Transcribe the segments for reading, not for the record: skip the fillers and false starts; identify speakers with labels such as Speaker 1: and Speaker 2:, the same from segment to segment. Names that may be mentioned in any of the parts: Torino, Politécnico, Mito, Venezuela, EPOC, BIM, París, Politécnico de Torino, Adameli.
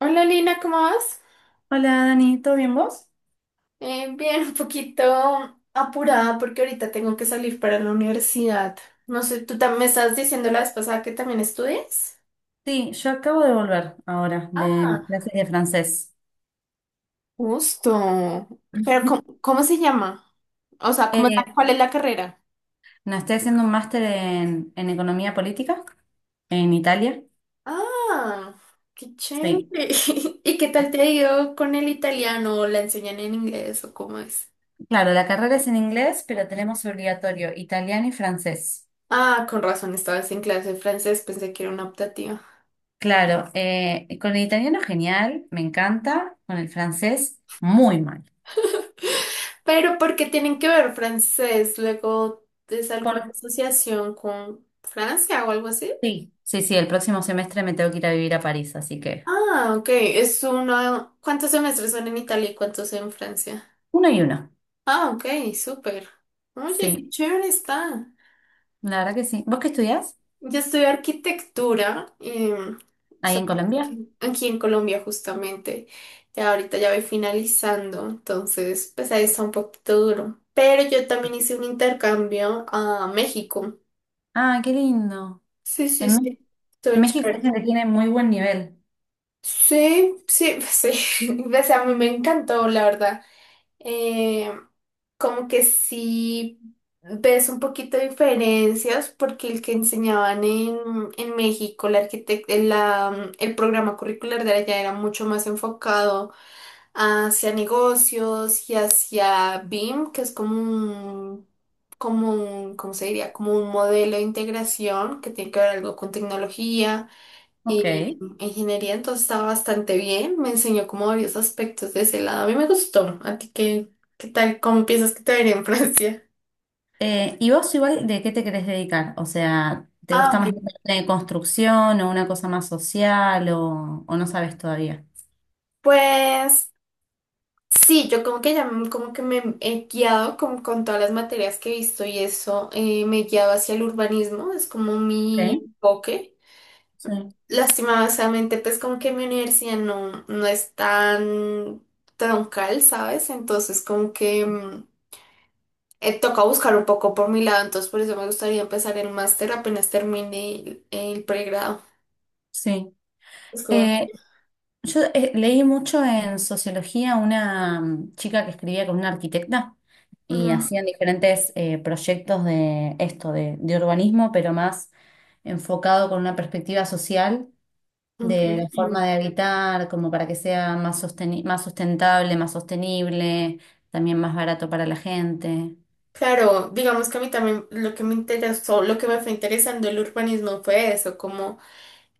Speaker 1: Hola Lina, ¿cómo vas?
Speaker 2: Hola Dani, ¿todo bien vos?
Speaker 1: Bien, un poquito apurada porque ahorita tengo que salir para la universidad. No sé, ¿tú también me estás diciendo la vez pasada que también estudias?
Speaker 2: Sí, yo acabo de volver ahora de
Speaker 1: Ah,
Speaker 2: mis clases de francés.
Speaker 1: justo. Pero ¿cómo, cómo se llama? O sea, ¿cómo,
Speaker 2: Eh,
Speaker 1: cuál es la carrera?
Speaker 2: no, estoy haciendo un máster en economía política en Italia.
Speaker 1: Ah, qué chévere.
Speaker 2: Sí,
Speaker 1: ¿Y qué tal te ha ido con el italiano? ¿O ¿la enseñan en inglés o cómo es?
Speaker 2: claro, la carrera es en inglés, pero tenemos obligatorio italiano y francés.
Speaker 1: Ah, con razón, estabas en clase de francés, pensé que era una optativa.
Speaker 2: Claro, con el italiano genial, me encanta, con el francés muy mal.
Speaker 1: ¿Pero porque tienen que ver francés? Luego es alguna
Speaker 2: Por...
Speaker 1: asociación con Francia o algo así.
Speaker 2: Sí, sí, sí, el próximo semestre me tengo que ir a vivir a París, así que
Speaker 1: Ah, ok. Es uno. ¿Cuántos semestres son en Italia y cuántos en Francia?
Speaker 2: uno y uno.
Speaker 1: Ah, ok, súper. Oye, qué
Speaker 2: Sí,
Speaker 1: chévere está.
Speaker 2: la verdad que sí. ¿Vos qué estudiás
Speaker 1: Yo estudié arquitectura
Speaker 2: ahí
Speaker 1: so-
Speaker 2: en Colombia?
Speaker 1: aquí, aquí en Colombia justamente. Ya ahorita ya voy finalizando, entonces pues ahí está un poquito duro. Pero yo también hice un intercambio a México.
Speaker 2: Ah, qué lindo.
Speaker 1: Sí, sí,
Speaker 2: En Mé-
Speaker 1: sí. Estuvo
Speaker 2: México dicen
Speaker 1: chévere.
Speaker 2: que tiene muy buen nivel.
Speaker 1: Sí, sí, sí. O sea, a mí me encantó, la verdad. Eh, Como que sí ves un poquito de diferencias porque el que enseñaban en México, el, la, el programa curricular de allá era mucho más enfocado hacia negocios y hacia BIM, que es como un, ¿cómo se diría? Como un modelo de integración que tiene que ver algo con tecnología.
Speaker 2: Ok.
Speaker 1: Y ingeniería, entonces estaba bastante bien, me enseñó como varios aspectos de ese lado. A mí me gustó. ¿A ti qué, qué tal? ¿Cómo piensas que te vería en Francia?
Speaker 2: ¿Y vos igual de qué te querés dedicar? O sea, ¿te
Speaker 1: Ah,
Speaker 2: gusta
Speaker 1: ok.
Speaker 2: más la parte de construcción o una cosa más social o no sabes todavía?
Speaker 1: Pues sí, yo como que ya como que me he guiado como con todas las materias que he visto y eso, me he guiado hacia el urbanismo, es como mi
Speaker 2: Ok,
Speaker 1: enfoque.
Speaker 2: sí,
Speaker 1: Lastimadamente, pues como que mi universidad no es tan troncal, ¿sabes? Entonces como que... toca buscar un poco por mi lado, entonces por eso me gustaría empezar el máster apenas termine el pregrado.
Speaker 2: sí.
Speaker 1: Es como,
Speaker 2: Eh, yo leí mucho en sociología una chica que escribía con una arquitecta y
Speaker 1: ujú,
Speaker 2: hacían diferentes proyectos de esto, de urbanismo, pero más enfocado con una perspectiva social
Speaker 1: ok.
Speaker 2: de la forma de habitar, como para que sea más más sustentable, más sostenible, también más barato para la gente.
Speaker 1: Claro, digamos que a mí también lo que me interesó, lo que me fue interesando el urbanismo fue eso, como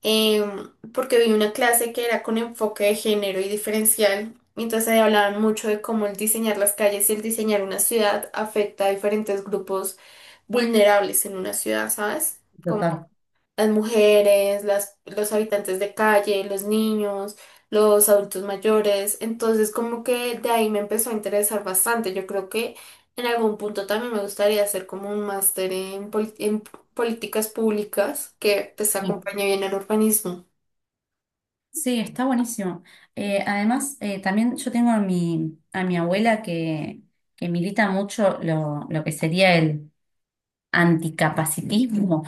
Speaker 1: porque vi una clase que era con enfoque de género y diferencial, y entonces ahí hablaban mucho de cómo el diseñar las calles y el diseñar una ciudad afecta a diferentes grupos vulnerables en una ciudad, ¿sabes?
Speaker 2: Total.
Speaker 1: Las mujeres, las, los habitantes de calle, los niños, los adultos mayores. Entonces, como que de ahí me empezó a interesar bastante. Yo creo que en algún punto también me gustaría hacer como un máster en políticas públicas que pues
Speaker 2: Sí,
Speaker 1: acompañe bien al urbanismo.
Speaker 2: sí, está buenísimo. Además, también yo tengo a a mi abuela que milita mucho lo que sería el anticapacitismo,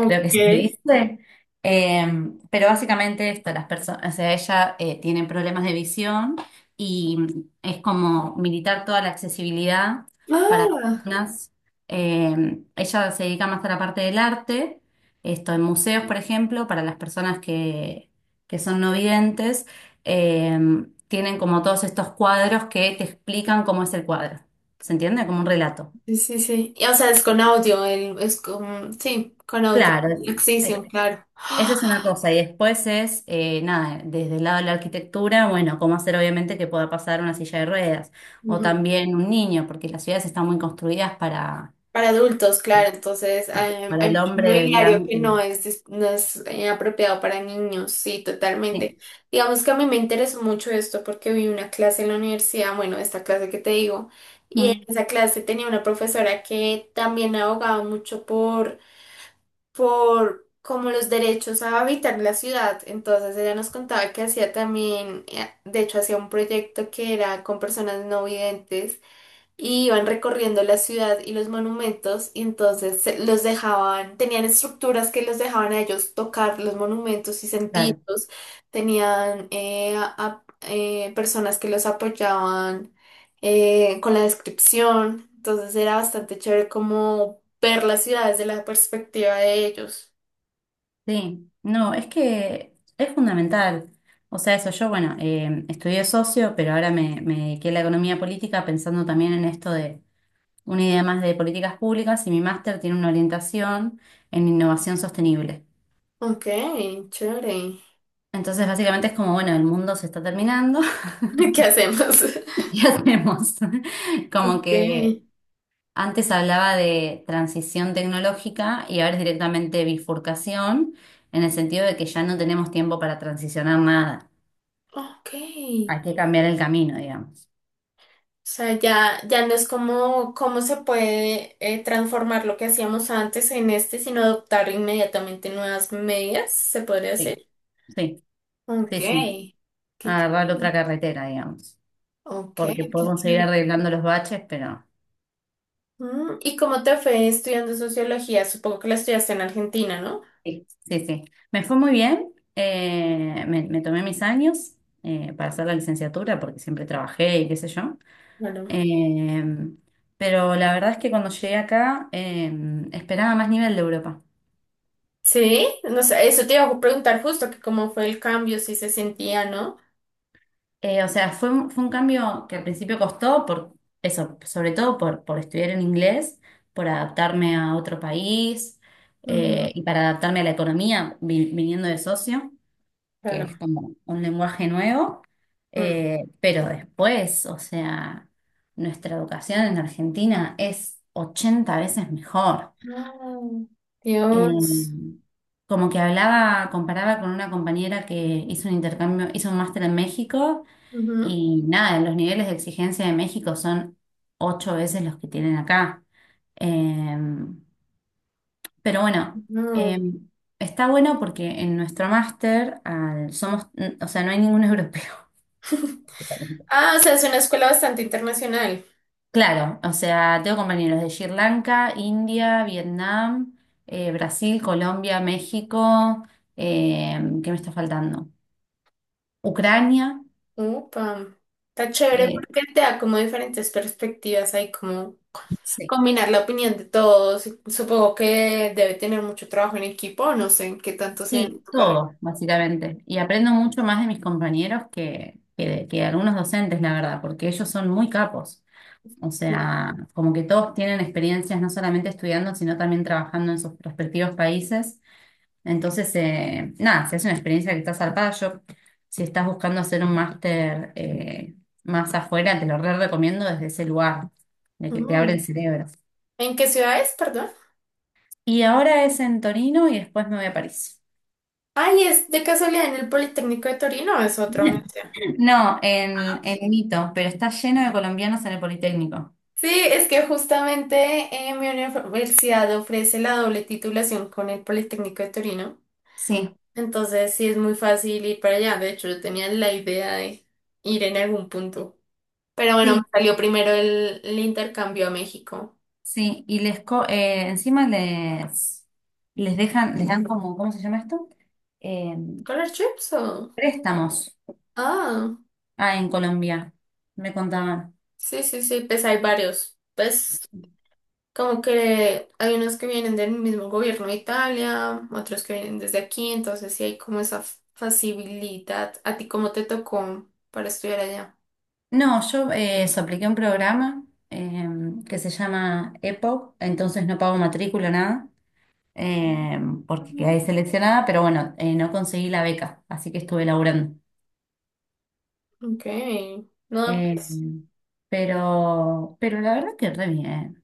Speaker 2: creo que se dice. Em, pero básicamente esto, las personas, o sea, ella tiene problemas de visión y es como militar toda la accesibilidad para
Speaker 1: Ah,
Speaker 2: personas. Em, ella se dedica más a la parte del arte, esto en museos, por ejemplo, para las personas que son no videntes, em, tienen como todos estos cuadros que te explican cómo es el cuadro. ¿Se entiende? Como un relato.
Speaker 1: sí, sí, sí. Y, o sea, es con audio, el, es con, sí, con audio.
Speaker 2: Claro,
Speaker 1: La
Speaker 2: es-
Speaker 1: extensión, claro.
Speaker 2: esa es una cosa, y después es, nada, desde el lado de la arquitectura, bueno, cómo hacer obviamente que pueda pasar una silla de ruedas, o también un niño, porque las ciudades están muy construidas
Speaker 1: Para adultos, claro, entonces
Speaker 2: para
Speaker 1: hay
Speaker 2: el
Speaker 1: mucho
Speaker 2: hombre
Speaker 1: mobiliario que
Speaker 2: blanco.
Speaker 1: no es apropiado para niños, sí, totalmente.
Speaker 2: Sí,
Speaker 1: Digamos que a mí me interesó mucho esto porque vi una clase en la universidad, bueno, esta clase que te digo, y en
Speaker 2: mm,
Speaker 1: esa clase tenía una profesora que también abogaba mucho por como los derechos a habitar la ciudad, entonces ella nos contaba que hacía también, de hecho hacía un proyecto que era con personas no videntes, y iban recorriendo la ciudad y los monumentos y entonces los dejaban, tenían estructuras que los dejaban a ellos tocar los monumentos y
Speaker 2: claro,
Speaker 1: sentirlos, tenían personas que los apoyaban con la descripción, entonces era bastante chévere como ver las ciudades desde la perspectiva de ellos.
Speaker 2: sí. No, es que es fundamental. O sea, eso, yo, bueno, estudié socio, pero ahora me, me dediqué a la economía política pensando también en esto de una idea más de políticas públicas, y mi máster tiene una orientación en innovación sostenible.
Speaker 1: Ok, chévere.
Speaker 2: Entonces, básicamente es como, bueno, el mundo se está terminando
Speaker 1: ¿Qué hacemos?
Speaker 2: y hacemos como
Speaker 1: Ok.
Speaker 2: que antes hablaba de transición tecnológica y ahora es directamente bifurcación, en el sentido de que ya no tenemos tiempo para transicionar nada.
Speaker 1: Ok.
Speaker 2: Hay que cambiar el camino, digamos.
Speaker 1: O sea, ya, ya no es como cómo se puede transformar lo que hacíamos antes en este, sino adoptar inmediatamente nuevas medidas, se podría hacer.
Speaker 2: Sí, sí,
Speaker 1: Ok,
Speaker 2: sí, sí.
Speaker 1: ch-
Speaker 2: Agarrar otra carretera, digamos.
Speaker 1: ok,
Speaker 2: Porque
Speaker 1: qué
Speaker 2: podemos seguir
Speaker 1: chévere.
Speaker 2: arreglando los baches, pero
Speaker 1: Mm, ¿y cómo te fue estudiando sociología? Supongo que la estudiaste en Argentina, ¿no?
Speaker 2: sí, sí, sí. Me fue muy bien. Me tomé mis años para hacer la licenciatura porque siempre trabajé y qué sé yo.
Speaker 1: Bueno.
Speaker 2: Em, pero la verdad es que cuando llegué acá em, esperaba más nivel de Europa.
Speaker 1: Sí, no sé, eso te iba a preguntar justo, que cómo fue el cambio, si se sentía, ¿no?
Speaker 2: Fue un, fue un cambio que al principio costó por eso, sobre todo por estudiar en inglés, por adaptarme a otro país
Speaker 1: Ujú,
Speaker 2: y para adaptarme a la economía viniendo de socio, que es
Speaker 1: claro.
Speaker 2: como un lenguaje nuevo.
Speaker 1: Mm.
Speaker 2: Pero después, o sea, nuestra educación en Argentina es 80 veces mejor.
Speaker 1: Ah, Dios.
Speaker 2: Eh, Como que hablaba, comparaba con una compañera que hizo un intercambio, hizo un máster en México
Speaker 1: Ujú,
Speaker 2: y nada, los niveles de exigencia de México son ocho veces los que tienen acá. Eh, pero bueno, eh,
Speaker 1: no.
Speaker 2: está bueno porque en nuestro máster somos, o sea, no hay ningún europeo.
Speaker 1: Ah, o sea, es una escuela bastante internacional.
Speaker 2: Claro, o sea, tengo compañeros de Sri Lanka, India, Vietnam, Brasil, Colombia, México, ¿qué me está faltando? Ucrania,
Speaker 1: Upa, está chévere
Speaker 2: eh,
Speaker 1: porque te da como diferentes perspectivas, hay como
Speaker 2: sí,
Speaker 1: combinar la opinión de todos. Supongo que debe tener mucho trabajo en equipo, no sé en qué tanto sea en
Speaker 2: sí,
Speaker 1: tu carrera.
Speaker 2: todo, básicamente. Y aprendo mucho más de mis compañeros que de algunos docentes, la verdad, porque ellos son muy capos. O sea,
Speaker 1: Ujú.
Speaker 2: como que todos tienen experiencias no solamente estudiando, sino también trabajando en sus respectivos países. Entonces, nada, si es una experiencia que está zarpada, yo, si estás buscando hacer un máster más afuera, te lo re recomiendo desde ese lugar, de que te abre el
Speaker 1: Mm.
Speaker 2: cerebro.
Speaker 1: ¿En qué ciudad es, perdón?
Speaker 2: Y ahora es en Torino y después me voy a París.
Speaker 1: Ay, ¿es de casualidad en el Politécnico de Torino, es otra universidad?
Speaker 2: No,
Speaker 1: Ah.
Speaker 2: en Mito, pero está lleno de colombianos en el Politécnico.
Speaker 1: Sí, es que justamente mi universidad ofrece la doble titulación con el Politécnico de Torino.
Speaker 2: Sí,
Speaker 1: Entonces sí es muy fácil ir para allá. De hecho, yo tenía la idea de ir en algún punto. Pero bueno, me
Speaker 2: sí,
Speaker 1: salió primero el intercambio a México.
Speaker 2: sí. Y encima les, les dejan, les dan como, ¿cómo se llama esto? Eh,
Speaker 1: ¿Color trips o...?
Speaker 2: préstamos.
Speaker 1: Ah,
Speaker 2: Ah, en Colombia, me contaban.
Speaker 1: sí, sí, sí, pues hay varios. Pues como que hay unos que vienen del mismo gobierno de Italia, otros que vienen desde aquí, entonces sí hay como esa facilidad. ¿A ti cómo te tocó para estudiar allá?
Speaker 2: No, yo eso, apliqué un programa eh, que se llama EPOC, entonces no pago matrícula, nada, eh, porque
Speaker 1: Mm,
Speaker 2: quedé seleccionada, pero bueno, no conseguí la beca, así que estuve laburando.
Speaker 1: ok. No,
Speaker 2: Eh,
Speaker 1: pues,
Speaker 2: pero la verdad que re bien.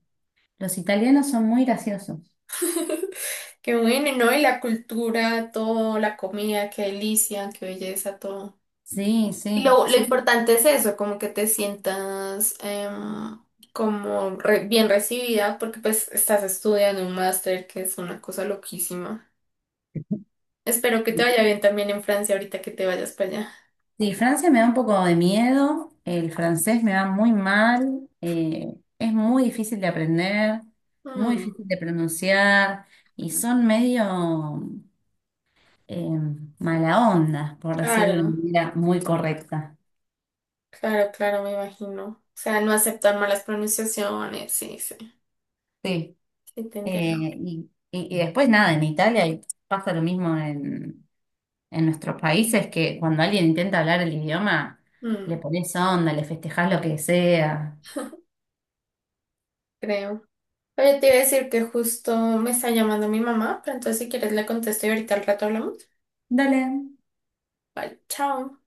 Speaker 2: Los italianos son muy graciosos.
Speaker 1: qué bueno, ¿no? Y la cultura, todo, la comida, qué delicia, qué belleza, todo.
Speaker 2: Sí,
Speaker 1: Y
Speaker 2: sí,
Speaker 1: lo
Speaker 2: sí.
Speaker 1: importante es eso, como que te sientas bien recibida, porque pues estás estudiando un máster, que es una cosa loquísima. Espero que te vaya bien también en Francia ahorita que te vayas para allá.
Speaker 2: Sí, Francia me da un poco de miedo. El francés me va muy mal. Es muy difícil de aprender, muy
Speaker 1: Mm,
Speaker 2: difícil de pronunciar y son medio eh, mala onda, por decirlo de una
Speaker 1: claro,
Speaker 2: manera muy correcta.
Speaker 1: claro, claro, me imagino. O sea, no aceptar malas pronunciaciones, sí, sí,
Speaker 2: Sí.
Speaker 1: sí, te entiendo.
Speaker 2: Y después nada, en Italia y pasa lo mismo en nuestros países que cuando alguien intenta hablar el idioma, le
Speaker 1: Mm,
Speaker 2: pones onda, le festejás lo que sea.
Speaker 1: creo. Oye, te iba a decir que justo me está llamando mi mamá, pero entonces si quieres le contesto y ahorita al rato hablamos.
Speaker 2: Dale.
Speaker 1: Vale, chao.